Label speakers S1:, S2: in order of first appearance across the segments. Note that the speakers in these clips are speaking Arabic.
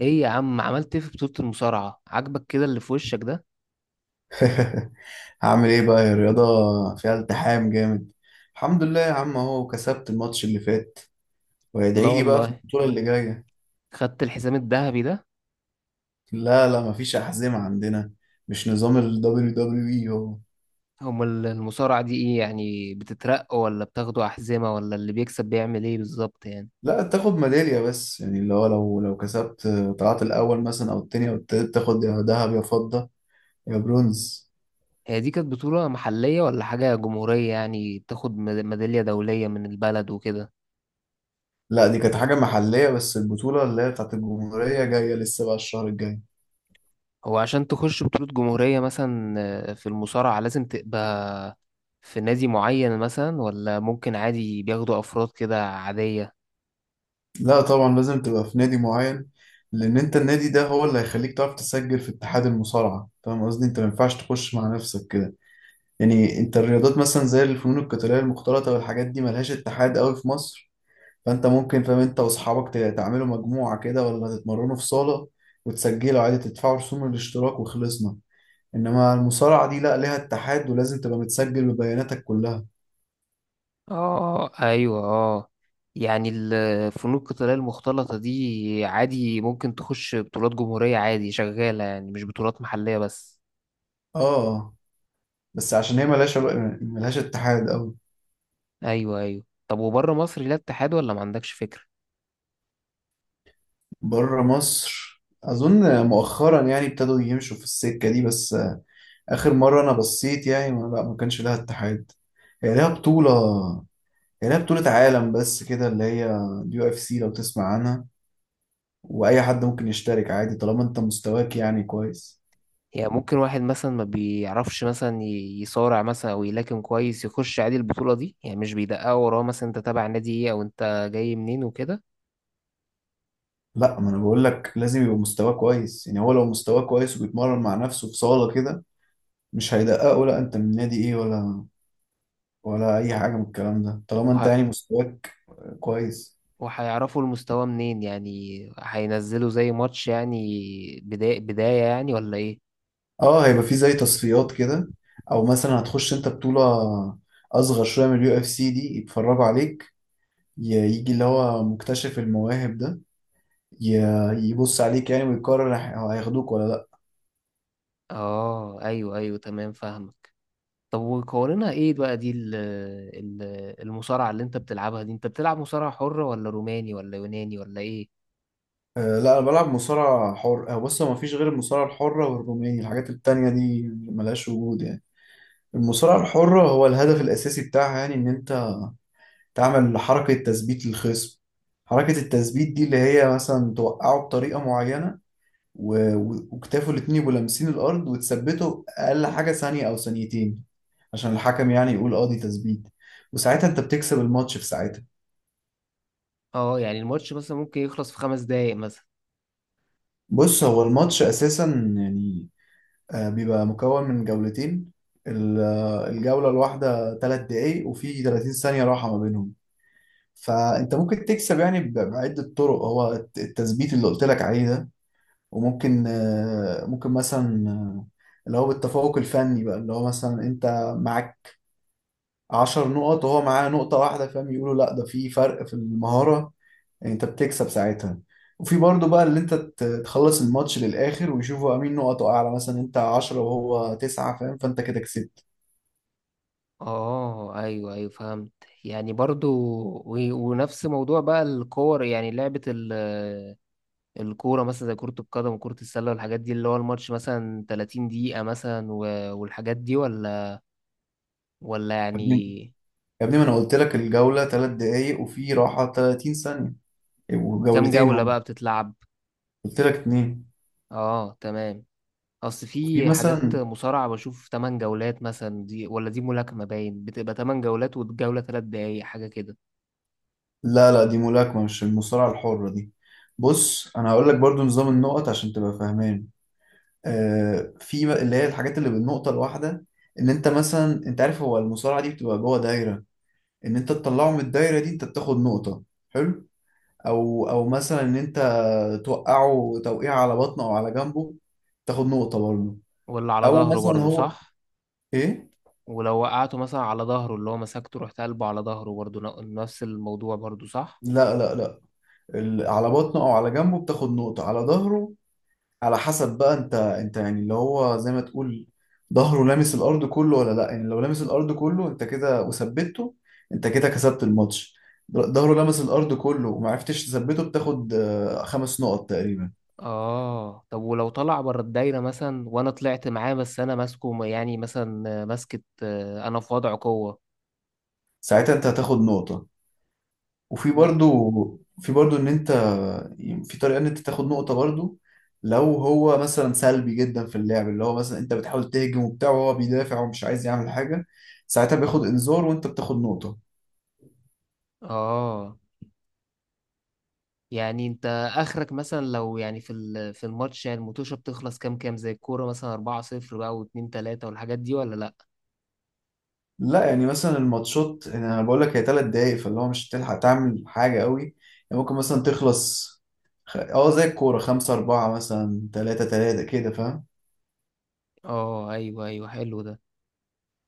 S1: ايه يا عم، عملت ايه في بطولة المصارعة؟ عاجبك كده اللي في وشك ده؟
S2: هعمل ايه بقى يا رياضة؟ فيها التحام جامد. الحمد لله يا عم اهو كسبت الماتش اللي فات،
S1: لا
S2: وادعي لي بقى في
S1: والله.
S2: البطولة اللي جاية.
S1: خدت الحزام الذهبي ده؟
S2: لا لا، مفيش أحزمة عندنا. مش نظام ال WWE هو؟
S1: المصارعة دي ايه يعني، بتترقى ولا بتاخدوا أحزمة، ولا اللي بيكسب بيعمل ايه بالظبط يعني؟
S2: لا، تاخد ميدالية بس، يعني اللي هو لو كسبت، طلعت الأول مثلا أو التاني أو التالت، تاخد يا ذهب يا فضة يا برونز.
S1: هي دي كانت بطولة محلية ولا حاجة جمهورية، يعني بتاخد ميدالية دولية من البلد وكده؟
S2: لا دي كانت حاجة محلية، بس البطولة اللي هي بتاعت الجمهورية جاية لسه بقى الشهر الجاي.
S1: هو عشان تخش بطولة جمهورية مثلا، في المصارعة لازم تبقى في نادي معين مثلا، ولا ممكن عادي بياخدوا أفراد كده عادية؟
S2: لا طبعا لازم تبقى في نادي معين، لان انت النادي ده هو اللي هيخليك تعرف تسجل في اتحاد المصارعه، فاهم قصدي؟ انت ما ينفعش تخش مع نفسك كده. يعني انت الرياضات مثلا زي الفنون القتاليه المختلطه والحاجات دي ملهاش اتحاد قوي في مصر، فانت ممكن، فاهم، انت واصحابك تعملوا مجموعه كده ولا تتمرنوا في صاله، وتسجلوا عادي، تدفعوا رسوم الاشتراك وخلصنا. انما المصارعه دي لا، ليها اتحاد ولازم تبقى متسجل ببياناتك كلها.
S1: اه، اه، ايوه، اه. يعني الفنون القتالية المختلطة دي عادي ممكن تخش بطولات جمهورية عادي، شغالة يعني مش بطولات محلية بس؟
S2: اه بس عشان هي ملهاش اتحاد.
S1: ايوه، ايوه. طب وبره مصر ليها اتحاد ولا ما عندكش فكرة؟
S2: بره مصر اظن مؤخرا يعني ابتدوا يمشوا في السكه دي بس. اخر مره انا بصيت، يعني ما, لا ما كانش لها اتحاد. هي لها بطوله هي لها بطوله عالم بس كده، اللي هي اليو اف سي، لو تسمع عنها. واي حد ممكن يشترك عادي طالما انت مستواك يعني كويس.
S1: يعني ممكن واحد مثلا ما بيعرفش مثلا يصارع مثلا او يلاكم كويس، يخش عادي البطولة دي؟ يعني مش بيدققوا وراه مثلا انت تابع نادي ايه او انت جاي منين وكده؟
S2: لا، ما انا بقول لك لازم يبقى مستواه كويس، يعني هو لو مستواه كويس وبيتمرن مع نفسه في صاله كده، مش هيدققه لا انت من نادي ايه ولا اي حاجه من الكلام ده، طالما انت
S1: وه-
S2: يعني مستواك كويس.
S1: وهيعرفوا المستوى منين يعني؟ هينزلوا زي ماتش يعني، بداية بداية يعني ولا ايه؟
S2: اه هيبقى في زي تصفيات كده، او مثلا هتخش انت بطولة اصغر شوية من اليو اف سي، دي يتفرجوا عليك، يجي اللي هو مكتشف المواهب ده يبص عليك يعني ويقرر هياخدوك ولا لا.
S1: اه، ايوه، ايوه، تمام، فاهمك. طب وقوانينها ايه بقى؟ دي ال- المصارعة اللي انت بتلعبها دي، انت بتلعب مصارعة حرة ولا روماني ولا يوناني ولا ايه؟
S2: لا انا بلعب مصارعة حر. بص هو مفيش غير المصارعة الحرة والروماني، الحاجات التانية دي ملهاش وجود يعني. المصارعة الحرة هو الهدف الاساسي بتاعها، يعني ان انت تعمل حركة تثبيت للخصم. حركة التثبيت دي اللي هي مثلا توقعه بطريقة معينة، و- و- وكتافه الاتنين يبقوا لامسين الارض وتثبته اقل حاجه ثانيه او ثانيتين، عشان الحكم يعني يقول اه دي تثبيت. وساعتها انت بتكسب الماتش، في ساعتها.
S1: اه. يعني الماتش مثلا ممكن يخلص في 5 دقايق مثلا؟
S2: بص هو الماتش اساسا يعني، بيبقى مكون من جولتين. الجوله الواحده 3 دقايق، وفي 30 ثانيه راحه ما بينهم. فانت ممكن تكسب يعني بعده طرق: هو التثبيت اللي قلت لك عليه ده، وممكن ممكن مثلا اللي هو بالتفوق الفني بقى، اللي هو مثلا انت معاك 10 نقط وهو معاه نقطة واحدة، فاهم؟ يقولوا لا ده في فرق في المهارة، يعني انت بتكسب ساعتها. وفي برضه بقى اللي انت تخلص الماتش للآخر ويشوفوا مين نقطه أعلى، مثلا انت 10 وهو 9، فاهم؟ فانت كده كسبت.
S1: اه، ايوه، ايوه، فهمت. يعني برضو ونفس موضوع بقى الكور، يعني لعبة الكورة مثلا زي كرة القدم وكرة السلة والحاجات دي، اللي هو الماتش مثلا 30 دقيقة مثلا والحاجات دي ولا
S2: يا ابني،
S1: يعني؟
S2: يا ابني، ما انا قلت لك الجولة 3 دقايق وفي راحة 30 ثانية،
S1: كام
S2: وجولتين
S1: جولة
S2: هم.
S1: بقى بتتلعب؟
S2: قلت لك اتنين.
S1: اه، تمام. اصل
S2: وفي
S1: في حاجات
S2: مثلا،
S1: مصارعة بشوف 8 جولات مثلا. دي ولا دي ملاكمة باين، بتبقى 8 جولات والجولة 3 دقايق حاجة كده.
S2: لا لا دي ملاكمة، مش المصارعة الحرة دي. بص انا هقول لك برضو نظام النقط عشان تبقى فاهمان. في بقى اللي هي الحاجات اللي بالنقطة الواحدة: ان انت مثلا، انت عارف هو المصارعة دي بتبقى جوه دايرة، ان انت تطلعه من الدايرة دي، انت بتاخد نقطة. حلو. او مثلا ان انت توقعه توقيع على بطنه او على جنبه، تاخد نقطة برضه.
S1: ولا على
S2: او
S1: ظهره
S2: مثلا
S1: برضه
S2: هو،
S1: صح؟
S2: ايه،
S1: ولو وقعته مثلا على ظهره، اللي هو مسكته رحت قلبه على ظهره، برضه نفس الموضوع برضه صح؟
S2: لا لا لا، على بطنه او على جنبه بتاخد نقطة. على ظهره، على حسب بقى انت يعني اللي هو زي ما تقول ظهره لامس الارض كله ولا لا. يعني لو لامس الارض كله انت كده وثبته، انت كده كسبت الماتش. ظهره لامس الارض كله ومعرفتش تثبته، بتاخد 5 نقط تقريبا.
S1: اه. طب ولو طلع بره الدايرة مثلا وانا طلعت معاه، بس انا ماسكه يعني، مثلا ماسكة انا في وضع قوة؟
S2: ساعتها انت هتاخد نقطة. وفي
S1: ب...
S2: برضو في برضو ان انت، يعني في طريقة ان انت تاخد نقطة برضو: لو هو مثلا سلبي جدا في اللعب، اللي هو مثلا انت بتحاول تهجم وبتاع وهو بيدافع ومش عايز يعمل حاجة، ساعتها بياخد انذار وانت بتاخد نقطة.
S1: اه. يعني انت اخرك مثلا لو يعني في في الماتش، يعني الموتوشه بتخلص كام زي الكوره مثلا 4-0 بقى و2-3 والحاجات دي ولا لا؟
S2: لا يعني مثلا الماتشات، يعني انا بقول لك هي 3 دقايق، فاللي هو مش هتلحق تعمل حاجه قوي. يعني ممكن مثلا تخلص، اه زي الكوره خمسة أربعة مثلا، تلاتة تلاتة كده، فاهم.
S1: اه، ايوه، ايوه، حلو ده.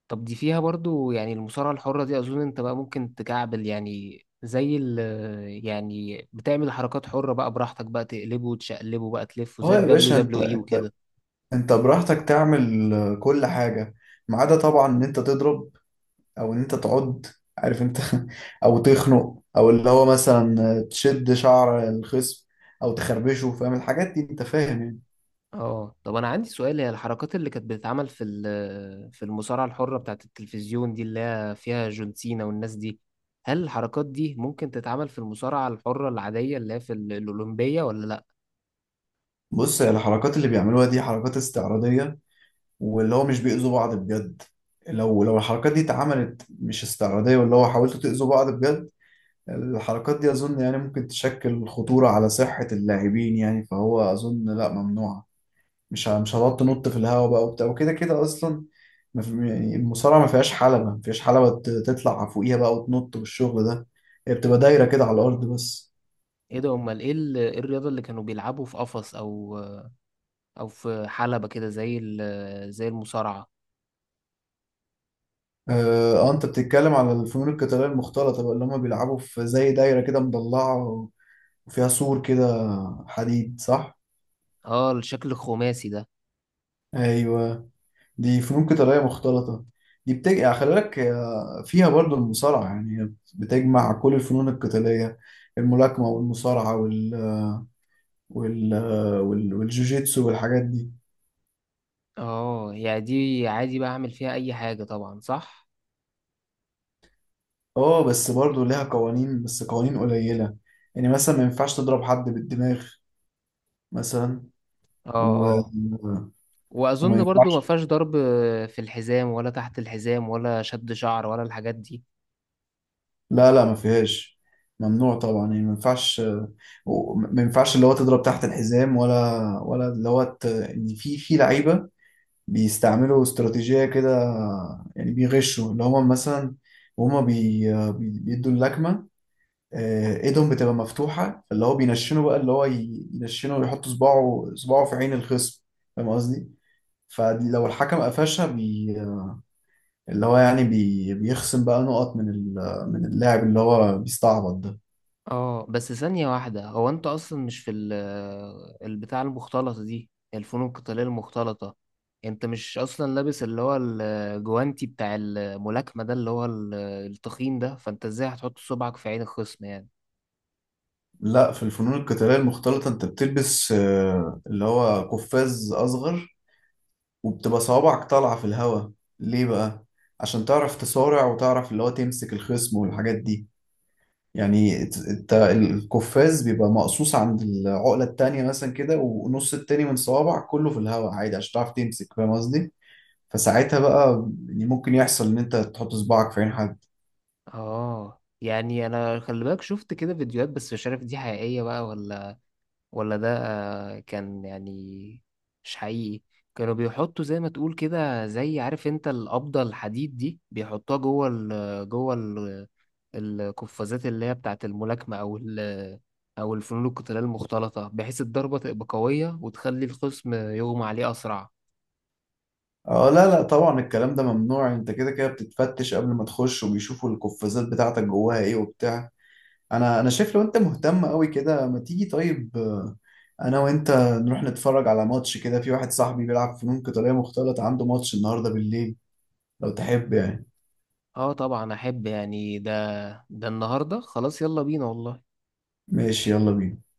S1: طب دي فيها برضو يعني المصارعه الحره دي، اظن انت بقى ممكن تكعبل يعني زي ال يعني بتعمل حركات حره بقى براحتك، بقى تقلبه وتشقلبه بقى تلفه زي
S2: اه يا
S1: الدبليو
S2: باشا، انت
S1: دبليو اي
S2: انت
S1: وكده؟
S2: انت براحتك تعمل كل حاجه، ما عدا طبعا ان انت تضرب او ان انت تعض، عارف انت، او تخنق، او اللي هو مثلا تشد شعر الخصم او تخربشه، فاهم الحاجات دي؟ انت فاهم يعني.
S1: اه. طب انا عندي سؤال، هي الحركات اللي كانت بتتعمل في في المصارعه الحره بتاعت التلفزيون دي، اللي هي فيها جون سينا والناس دي، هل الحركات دي ممكن تتعمل في المصارعه الحره العاديه اللي هي في الاولمبيه ولا لا؟
S2: بص الحركات اللي بيعملوها دي حركات استعراضيه، واللي هو مش بيأذوا بعض بجد. لو الحركات دي اتعملت مش استعراضية، واللي هو حاولتوا تأذوا بعض بجد، الحركات دي أظن يعني ممكن تشكل خطورة على صحة اللاعبين، يعني فهو أظن لا ممنوعة. مش هتقعد تنط في الهواء بقى وبتاع، وكده كده أصلا ما في يعني، المصارعة ما فيهاش حلبة تطلع فوقيها بقى وتنط والشغل ده. هي بتبقى دايرة كده على الأرض بس.
S1: ايه ده، امال ايه إيه الرياضه اللي كانوا بيلعبوا في قفص او في حلبه كده زي زي المصارعه؟
S2: اه انت بتتكلم على الفنون القتالية المختلطة بقى، اللي هم بيلعبوا في زي دايرة كده مضلعة وفيها سور كده، حديد، صح.
S1: اه، الشكل الخماسي ده.
S2: ايوه، دي فنون قتاليه مختلطه. دي بتجمع يعني، خلي بالك، فيها برضو المصارعه يعني. هي بتجمع كل الفنون القتاليه: الملاكمه والمصارعه والجوجيتسو والحاجات دي.
S1: اه، يعني دي عادي بقى اعمل فيها اي حاجه طبعا صح؟
S2: اه بس برضو ليها قوانين، بس قوانين قليله. يعني مثلا ما ينفعش تضرب حد بالدماغ مثلا.
S1: اه،
S2: و...
S1: اه،
S2: وما
S1: واظن برضو ما
S2: ينفعش.
S1: فيهاش ضرب في الحزام ولا تحت الحزام ولا شد شعر ولا الحاجات دي؟
S2: لا لا ما فيهاش. ممنوع طبعا، يعني ما ينفعش. ما ينفعش اللي هو تضرب تحت الحزام، ولا اللي هو يعني في لعيبه بيستعملوا استراتيجيه كده، يعني بيغشوا. اللي هم مثلا وهم بيدوا اللكمه، ايدهم بتبقى مفتوحه، اللي هو بينشنوا بقى، اللي هو ينشنوا ويحط صباعه في عين الخصم، فاهم قصدي؟ فلو الحكم قفشها اللي هو يعني بيخصم بقى نقط من اللاعب اللي هو بيستعبط ده.
S1: اه، بس ثانية واحدة. هو انت اصلا مش في البتاع المختلطة دي، الفنون القتالية المختلطة، انت مش اصلا لابس اللي هو الجوانتي بتاع الملاكمة ده، اللي هو التخين ده، فانت ازاي هتحط صبعك في عين الخصم يعني؟
S2: لا، في الفنون القتالية المختلطة انت بتلبس اللي هو قفاز اصغر، وبتبقى صوابعك طالعة في الهواء. ليه بقى؟ عشان تعرف تصارع وتعرف اللي هو تمسك الخصم والحاجات دي. يعني انت القفاز بيبقى مقصوص عند العقلة التانية مثلا كده، ونص التاني من صوابعك كله في الهواء عادي، عشان تعرف تمسك، فاهم قصدي؟ فساعتها بقى يعني ممكن يحصل ان انت تحط صباعك في عين حد.
S1: اه. يعني انا خلي بالك شفت كده فيديوهات، بس مش عارف دي حقيقية بقى ولا ده كان يعني مش حقيقي. كانوا بيحطوا زي ما تقول كده، زي عارف انت القبضة الحديد دي، بيحطوها جوه ال القفازات اللي هي بتاعة الملاكمة أو الفنون القتالية المختلطة، بحيث الضربة تبقى قوية وتخلي الخصم يغمى عليه أسرع.
S2: اه لا لا طبعا الكلام ده ممنوع، انت كده كده بتتفتش قبل ما تخش، وبيشوفوا القفازات بتاعتك جواها ايه وبتاع. انا شايف لو انت مهتم قوي كده، ما تيجي طيب، انا وانت نروح نتفرج على ماتش كده، في واحد صاحبي بيلعب فنون قتالية مختلطة عنده ماتش النهاردة بالليل، لو تحب يعني.
S1: اه، طبعا أحب يعني، ده النهاردة، خلاص يلا بينا والله.
S2: ماشي، يلا بينا.